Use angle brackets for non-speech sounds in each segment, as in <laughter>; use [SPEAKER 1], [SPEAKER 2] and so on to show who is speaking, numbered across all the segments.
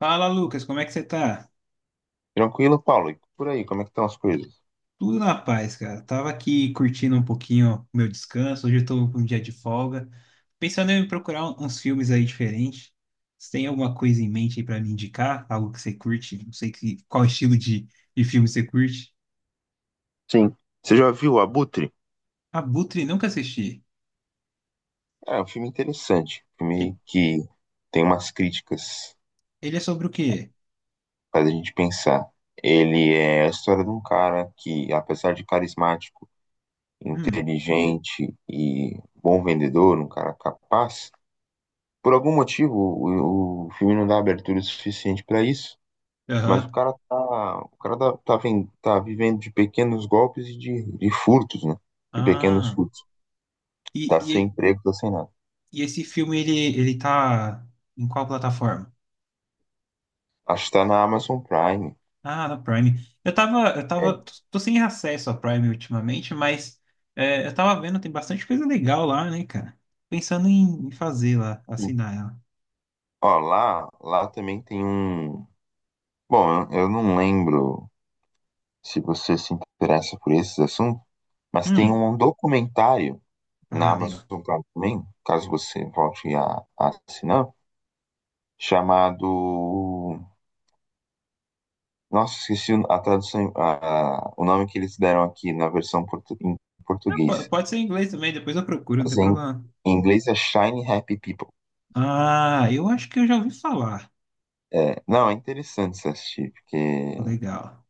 [SPEAKER 1] Fala, Lucas, como é que você tá?
[SPEAKER 2] Tranquilo, Paulo? E por aí, como é que estão as coisas?
[SPEAKER 1] Tudo na paz, cara. Tava aqui curtindo um pouquinho o meu descanso. Hoje eu tô com um dia de folga. Pensando em procurar uns filmes aí diferentes. Você tem alguma coisa em mente aí pra me indicar? Algo que você curte? Não sei que, qual estilo de filme você curte.
[SPEAKER 2] Sim. Você já viu o Abutre?
[SPEAKER 1] Abutre, nunca assisti.
[SPEAKER 2] É um filme interessante, um
[SPEAKER 1] Ele,
[SPEAKER 2] filme que tem umas críticas,
[SPEAKER 1] ele é sobre o quê?
[SPEAKER 2] faz a gente pensar. Ele é a história de um cara que, apesar de carismático,
[SPEAKER 1] Hum,
[SPEAKER 2] inteligente e bom vendedor, um cara capaz, por algum motivo o filme não dá abertura suficiente para isso, mas
[SPEAKER 1] aham.
[SPEAKER 2] o cara tá, tá, ven- tá vivendo de pequenos golpes e de furtos, né? De pequenos
[SPEAKER 1] Ah,
[SPEAKER 2] furtos.
[SPEAKER 1] e,
[SPEAKER 2] Tá sem
[SPEAKER 1] e,
[SPEAKER 2] emprego, tá sem nada.
[SPEAKER 1] e esse filme, ele tá em qual plataforma?
[SPEAKER 2] Acho que tá na Amazon Prime.
[SPEAKER 1] Ah, na Prime. Eu tava, eu
[SPEAKER 2] É.
[SPEAKER 1] tava, tô, tô sem acesso à Prime ultimamente, mas é, eu tava vendo, tem bastante coisa legal lá, né, cara? Pensando em fazer lá,
[SPEAKER 2] Sim.
[SPEAKER 1] assinar ela.
[SPEAKER 2] Ó, lá também tem um. Bom, eu não lembro se você se interessa por esses assuntos, mas tem
[SPEAKER 1] Hum,
[SPEAKER 2] um documentário na
[SPEAKER 1] ah,
[SPEAKER 2] Amazon
[SPEAKER 1] legal.
[SPEAKER 2] Prime também, caso você volte a assinar, chamado. Nossa, esqueci a tradução, o nome que eles deram aqui na versão em
[SPEAKER 1] Ah,
[SPEAKER 2] português.
[SPEAKER 1] pode ser em inglês também, depois eu procuro, não
[SPEAKER 2] Mas
[SPEAKER 1] tem problema.
[SPEAKER 2] em inglês é Shiny Happy People.
[SPEAKER 1] Ah, eu acho que eu já ouvi falar.
[SPEAKER 2] É, não, é interessante você assistir, porque
[SPEAKER 1] Pô, legal.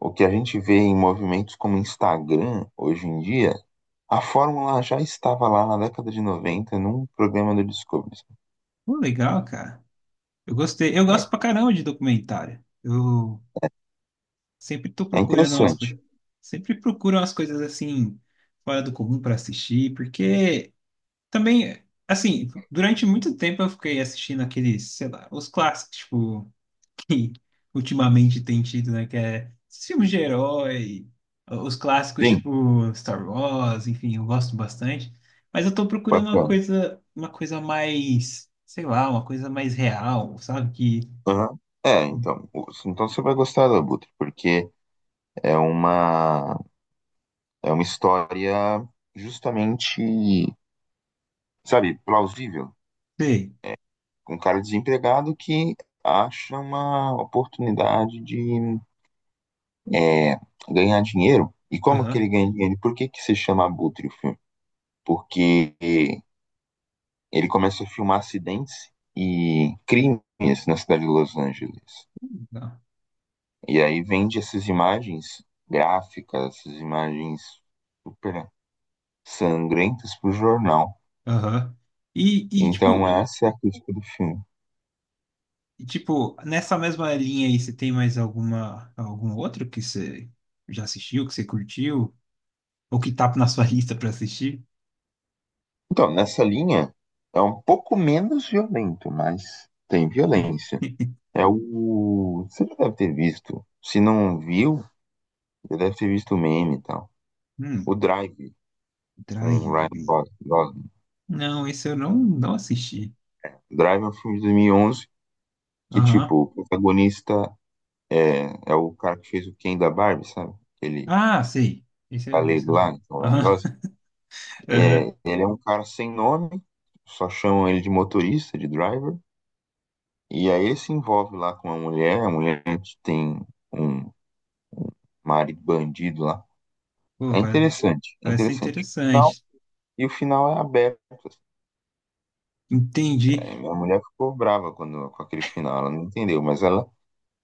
[SPEAKER 2] o que a gente vê em movimentos como Instagram hoje em dia, a fórmula já estava lá na década de 90 num programa do Discovery.
[SPEAKER 1] Pô, legal, cara. Eu gostei. Eu gosto pra caramba de documentário. Eu sempre tô
[SPEAKER 2] É
[SPEAKER 1] procurando umas
[SPEAKER 2] interessante.
[SPEAKER 1] coisas. Sempre procuro umas coisas assim, fora do comum pra assistir, porque. Também, assim, durante muito tempo eu fiquei assistindo aqueles, sei lá, os clássicos, tipo, <laughs> que ultimamente tem tido, né? Que é esses filmes de herói, os clássicos,
[SPEAKER 2] Sim,
[SPEAKER 1] tipo, Star Wars, enfim, eu gosto bastante. Mas eu tô procurando
[SPEAKER 2] bacana.
[SPEAKER 1] uma coisa mais, sei lá, uma coisa mais real, sabe? Que,
[SPEAKER 2] Aham. É, então, então você vai gostar do Abutre, porque é uma é uma história justamente, sabe, plausível,
[SPEAKER 1] sei,
[SPEAKER 2] com um cara desempregado que acha uma oportunidade de é, ganhar dinheiro. E como que ele
[SPEAKER 1] aham,
[SPEAKER 2] ganha dinheiro? Por que que se chama Abutre o filme? Porque ele começa a filmar acidentes e crimes na cidade de Los Angeles.
[SPEAKER 1] não,
[SPEAKER 2] E aí vende essas imagens gráficas, essas imagens super sangrentas para o jornal.
[SPEAKER 1] aham. E, e,
[SPEAKER 2] Então
[SPEAKER 1] tipo,
[SPEAKER 2] essa é a crítica do filme.
[SPEAKER 1] e tipo, nessa mesma linha aí, você tem mais alguma, algum outro que você já assistiu, que você curtiu? O que tá na sua <laughs> lista pra assistir?
[SPEAKER 2] Então, nessa linha, é um pouco menos violento, mas tem violência. É o. Você já deve ter visto. Se não viu, já deve ter visto o meme e tal.
[SPEAKER 1] Hum,
[SPEAKER 2] O Drive com o Ryan.
[SPEAKER 1] Drive. Não, esse eu não assisti.
[SPEAKER 2] Drive é um filme de 2011 que, tipo,
[SPEAKER 1] Aham.
[SPEAKER 2] o protagonista é o cara que fez o Ken da Barbie, sabe? Aquele
[SPEAKER 1] Ah, sei. Esse eu, esse
[SPEAKER 2] galego
[SPEAKER 1] eu sei.
[SPEAKER 2] lá, então, Ryan
[SPEAKER 1] Aham.
[SPEAKER 2] Gosling.
[SPEAKER 1] <laughs> Aham.
[SPEAKER 2] É, ele é um cara sem nome, só chamam ele de motorista, de driver. E aí ele se envolve lá com uma mulher, a mulher tem um marido bandido lá.
[SPEAKER 1] Pô,
[SPEAKER 2] É
[SPEAKER 1] parece,
[SPEAKER 2] interessante, é
[SPEAKER 1] parece ser
[SPEAKER 2] interessante. Final,
[SPEAKER 1] interessante.
[SPEAKER 2] e o final é aberto assim.
[SPEAKER 1] Entendi.
[SPEAKER 2] É, minha mulher ficou brava quando, com aquele final, ela não entendeu, mas ela,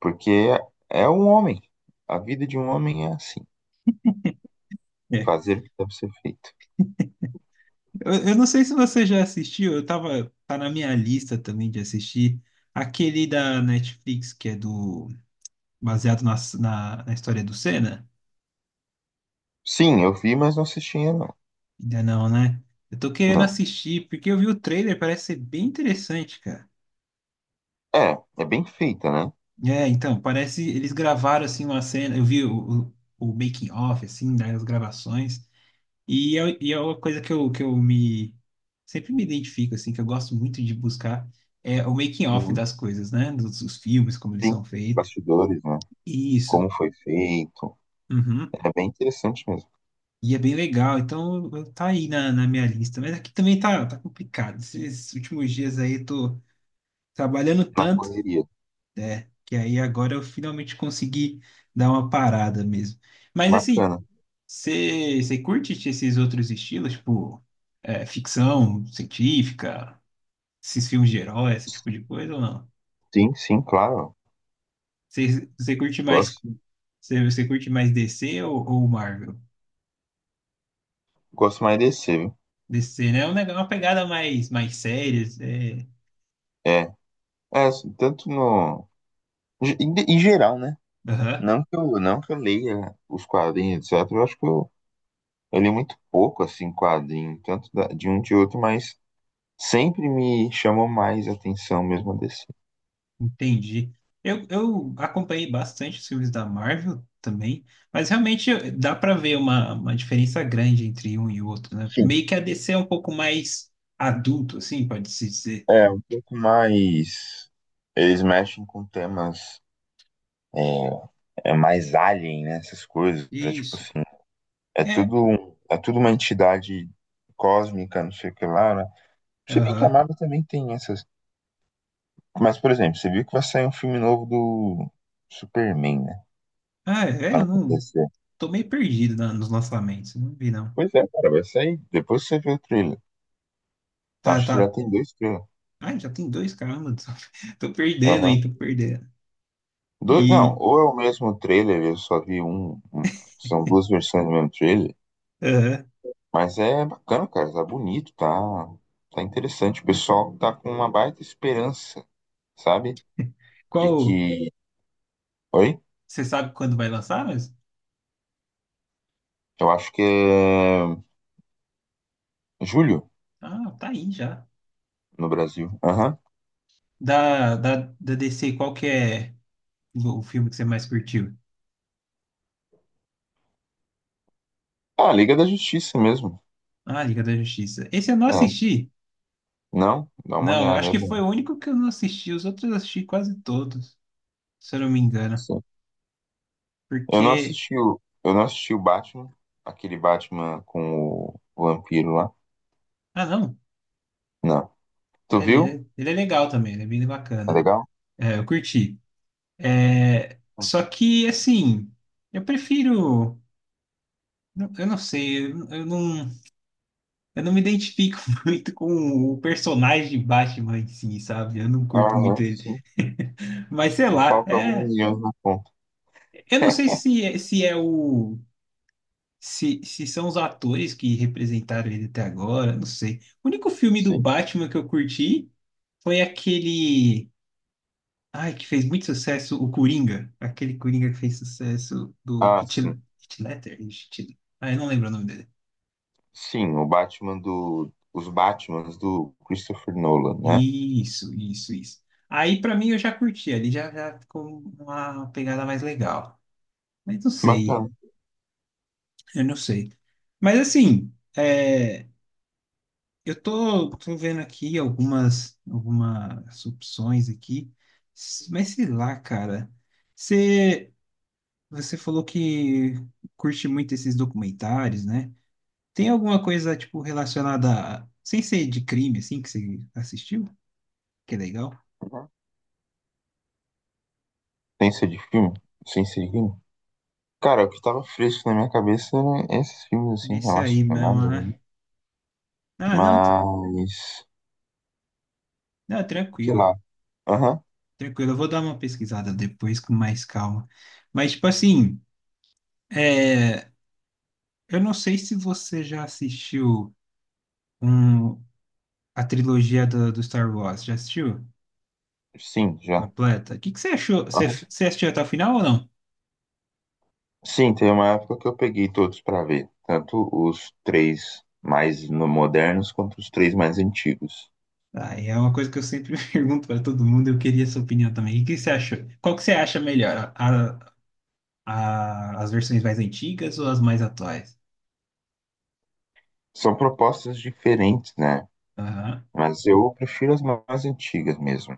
[SPEAKER 2] porque é um homem. A vida de um homem é assim.
[SPEAKER 1] É.
[SPEAKER 2] Fazer o que deve ser feito.
[SPEAKER 1] Eu não sei se você já assistiu, eu tava, tá na minha lista também de assistir. Aquele da Netflix que é do, baseado na história do Senna.
[SPEAKER 2] Sim, eu vi, mas não assisti ainda não.
[SPEAKER 1] Ainda não, né? Eu tô querendo
[SPEAKER 2] Não.
[SPEAKER 1] assistir, porque eu vi o trailer, parece ser bem interessante, cara.
[SPEAKER 2] É, é bem feita, né?
[SPEAKER 1] É, então, parece eles gravaram assim uma cena, eu vi o making of assim, né, as gravações, e é uma coisa que eu me sempre me identifico assim, que eu gosto muito de buscar é o making of
[SPEAKER 2] Uhum.
[SPEAKER 1] das coisas, né, dos filmes, como eles
[SPEAKER 2] Sim.
[SPEAKER 1] são feitos.
[SPEAKER 2] Bastidores, né?
[SPEAKER 1] Isso.
[SPEAKER 2] Como foi feito.
[SPEAKER 1] Uhum.
[SPEAKER 2] É bem interessante mesmo.
[SPEAKER 1] E é bem legal, então tá aí na minha lista, mas aqui também tá complicado. Esses últimos dias aí eu tô trabalhando
[SPEAKER 2] Na
[SPEAKER 1] tanto
[SPEAKER 2] correria.
[SPEAKER 1] que aí agora eu finalmente consegui dar uma parada mesmo. Mas assim,
[SPEAKER 2] Bacana.
[SPEAKER 1] você curte esses outros estilos, tipo, é, ficção científica, esses filmes de herói, esse tipo de coisa ou não?
[SPEAKER 2] Sim, sim, claro.
[SPEAKER 1] Você você curte mais,
[SPEAKER 2] Gosto,
[SPEAKER 1] você curte mais DC ou, Marvel?
[SPEAKER 2] gosto mais de DC, viu?
[SPEAKER 1] DC, né? Uma pegada mais, mais séria. É...
[SPEAKER 2] É. É, assim, tanto no. Em, em geral, né?
[SPEAKER 1] Aham,
[SPEAKER 2] Não que eu leia os quadrinhos, etc. Eu acho que eu li muito pouco, assim, quadrinho, tanto de um de outro, mas sempre me chamou mais atenção mesmo a DC.
[SPEAKER 1] entendi. Eu acompanhei bastante os filmes da Marvel também, mas realmente dá pra ver uma diferença grande entre um e outro, né?
[SPEAKER 2] Sim.
[SPEAKER 1] Meio que a DC é um pouco mais adulto, assim, pode-se dizer.
[SPEAKER 2] É, um pouco mais. Eles mexem com temas é, é mais alien, né? Essas coisas. É tipo
[SPEAKER 1] Isso.
[SPEAKER 2] assim. É
[SPEAKER 1] É,
[SPEAKER 2] tudo, é tudo uma entidade cósmica, não sei o que lá, né? Se bem que a
[SPEAKER 1] aham.
[SPEAKER 2] Marvel também tem essas. Mas, por exemplo, você viu que vai sair um filme novo do Superman, né?
[SPEAKER 1] Ah, é,
[SPEAKER 2] Pra não
[SPEAKER 1] eu não.
[SPEAKER 2] acontecer.
[SPEAKER 1] Tô meio perdido nos lançamentos, não vi não.
[SPEAKER 2] Pois é, cara, vai sair. Depois você vê o trailer.
[SPEAKER 1] Tá,
[SPEAKER 2] Acho
[SPEAKER 1] tá.
[SPEAKER 2] que já tem dois trailers.
[SPEAKER 1] Ah, já tem dois, caramba. Tô, <laughs> tô perdendo aí,
[SPEAKER 2] Aham.
[SPEAKER 1] tô perdendo.
[SPEAKER 2] Dois, não,
[SPEAKER 1] E.
[SPEAKER 2] ou é o mesmo trailer, eu só vi são duas versões do mesmo trailer.
[SPEAKER 1] Aham.
[SPEAKER 2] Mas é bacana, cara, tá bonito, tá, tá interessante. O pessoal tá com uma baita esperança, sabe? De
[SPEAKER 1] Qual.
[SPEAKER 2] que. Oi?
[SPEAKER 1] Você sabe quando vai lançar, mas.
[SPEAKER 2] Eu acho que é julho
[SPEAKER 1] Ah, tá aí já.
[SPEAKER 2] no Brasil. Aham.
[SPEAKER 1] Da DC, qual que é o filme que você mais curtiu?
[SPEAKER 2] Ah, Liga da Justiça mesmo.
[SPEAKER 1] Ah, Liga da Justiça. Esse eu não
[SPEAKER 2] É.
[SPEAKER 1] assisti.
[SPEAKER 2] Não? Dá uma
[SPEAKER 1] Não, eu
[SPEAKER 2] olhada,
[SPEAKER 1] acho
[SPEAKER 2] é
[SPEAKER 1] que
[SPEAKER 2] bom.
[SPEAKER 1] foi o único que eu não assisti. Os outros eu assisti quase todos, se eu não me engano.
[SPEAKER 2] Sim. Eu não
[SPEAKER 1] Porque.
[SPEAKER 2] assisti o, eu não assisti o Batman, aquele Batman com o vampiro lá.
[SPEAKER 1] Ah, não.
[SPEAKER 2] Não. Tu
[SPEAKER 1] É,
[SPEAKER 2] viu?
[SPEAKER 1] ele é legal também, ele é bem
[SPEAKER 2] É
[SPEAKER 1] bacana.
[SPEAKER 2] legal?
[SPEAKER 1] É, eu curti. É, só que, assim, eu prefiro. Eu não sei, eu não me identifico <laughs> muito com o personagem de Batman em si, sabe? Eu não curto muito
[SPEAKER 2] Aham,
[SPEAKER 1] ele.
[SPEAKER 2] sim.
[SPEAKER 1] <laughs> Mas sei
[SPEAKER 2] Te
[SPEAKER 1] lá,
[SPEAKER 2] falta alguns
[SPEAKER 1] é,
[SPEAKER 2] milhões na conta.
[SPEAKER 1] eu não sei
[SPEAKER 2] <laughs>
[SPEAKER 1] se é o. Se são os atores que representaram ele até agora, não sei. O único filme do
[SPEAKER 2] Sim.
[SPEAKER 1] Batman que eu curti foi aquele. Ai, que fez muito sucesso o Coringa. Aquele Coringa que fez sucesso do
[SPEAKER 2] Ah,
[SPEAKER 1] Heath
[SPEAKER 2] sim.
[SPEAKER 1] Heath Ledger. Ah, eu não lembro o nome dele.
[SPEAKER 2] Sim, o Batman do. Os Batmans do Christopher Nolan, né?
[SPEAKER 1] Isso, isso, isso. Aí, pra mim, eu já curti. Ali já, já ficou uma pegada mais legal. Mas não sei,
[SPEAKER 2] Bacana.
[SPEAKER 1] eu não sei. Mas, assim, é, eu tô vendo aqui algumas, algumas opções aqui. Mas sei lá, cara. Você, você falou que curte muito esses documentários, né? Tem alguma coisa, tipo, relacionada a... Sem ser de crime, assim, que você assistiu? Que é legal.
[SPEAKER 2] Ciência de filme? Ciência de filme? Cara, o que tava fresco na minha cabeça eram esses filmes, assim,
[SPEAKER 1] Esse aí mesmo,
[SPEAKER 2] relacionados, né?
[SPEAKER 1] né? Ah, não,
[SPEAKER 2] Mas. Sei
[SPEAKER 1] tranquilo.
[SPEAKER 2] lá. Aham.
[SPEAKER 1] Tranquilo, eu vou dar uma pesquisada depois com mais calma. Mas, tipo assim, é... eu não sei se você já assistiu um... a trilogia do Star Wars. Já assistiu?
[SPEAKER 2] Sim, já.
[SPEAKER 1] Completa? O que você achou? Você,
[SPEAKER 2] Aham.
[SPEAKER 1] você assistiu até o final ou não?
[SPEAKER 2] Sim, tem uma época que eu peguei todos pra ver. Tanto os três mais modernos quanto os três mais antigos.
[SPEAKER 1] Ah, é uma coisa que eu sempre <laughs> pergunto para todo mundo, eu queria sua opinião também. O que que você achou? Qual que você acha melhor? As versões mais antigas ou as mais atuais?
[SPEAKER 2] São propostas diferentes, né?
[SPEAKER 1] Aham,
[SPEAKER 2] Mas eu prefiro as mais antigas mesmo.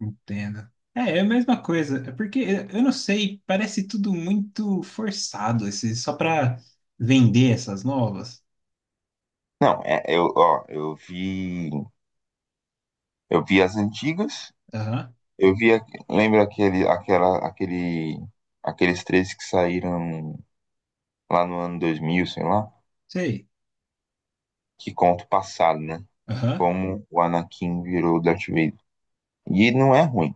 [SPEAKER 1] entendo. É, é a mesma coisa. É porque eh, eu não sei, parece tudo muito forçado, esse, só para vender essas novas.
[SPEAKER 2] Não, é, eu vi as antigas,
[SPEAKER 1] Aham,
[SPEAKER 2] eu vi, lembra aqueles três que saíram lá no ano 2000, sei lá,
[SPEAKER 1] sei.
[SPEAKER 2] que conta o passado, né?
[SPEAKER 1] Aham.
[SPEAKER 2] Como o Anakin virou Darth Vader. E não é ruim.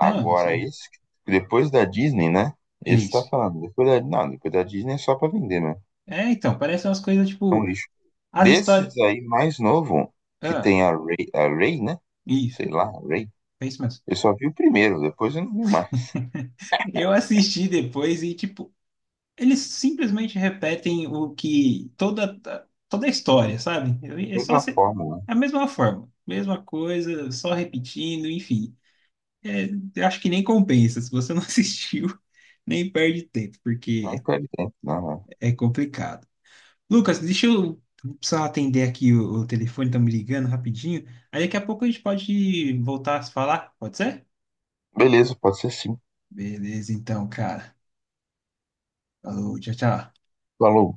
[SPEAKER 1] Não, não são.
[SPEAKER 2] esse, depois da Disney, né?
[SPEAKER 1] É
[SPEAKER 2] Esse tá
[SPEAKER 1] isso.
[SPEAKER 2] falando, depois da, não, depois da Disney é só pra vender, né?
[SPEAKER 1] É, então, parecem umas coisas
[SPEAKER 2] É um
[SPEAKER 1] tipo,
[SPEAKER 2] lixo.
[SPEAKER 1] as histórias.
[SPEAKER 2] Desses aí mais novo, que
[SPEAKER 1] Ah,
[SPEAKER 2] tem a Rey, né?
[SPEAKER 1] isso,
[SPEAKER 2] Sei lá, Rey.
[SPEAKER 1] é isso mesmo.
[SPEAKER 2] Eu só vi o primeiro, depois eu não vi mais.
[SPEAKER 1] Eu assisti depois e, tipo, eles simplesmente repetem o que toda a história, sabe? É só
[SPEAKER 2] Mesma
[SPEAKER 1] se-
[SPEAKER 2] fórmula, né?
[SPEAKER 1] É a mesma forma, mesma coisa, só repetindo, enfim. É, eu acho que nem compensa. Se você não <laughs> assistiu, nem perde tempo,
[SPEAKER 2] Não
[SPEAKER 1] porque
[SPEAKER 2] quero tempo, não.
[SPEAKER 1] é complicado. Lucas, deixa eu precisar atender aqui o telefone, tá me ligando rapidinho. Aí daqui a pouco a gente pode voltar a se falar, pode ser?
[SPEAKER 2] Beleza, pode ser sim.
[SPEAKER 1] Beleza, então, cara. Falou, tchau, tchau.
[SPEAKER 2] Falou.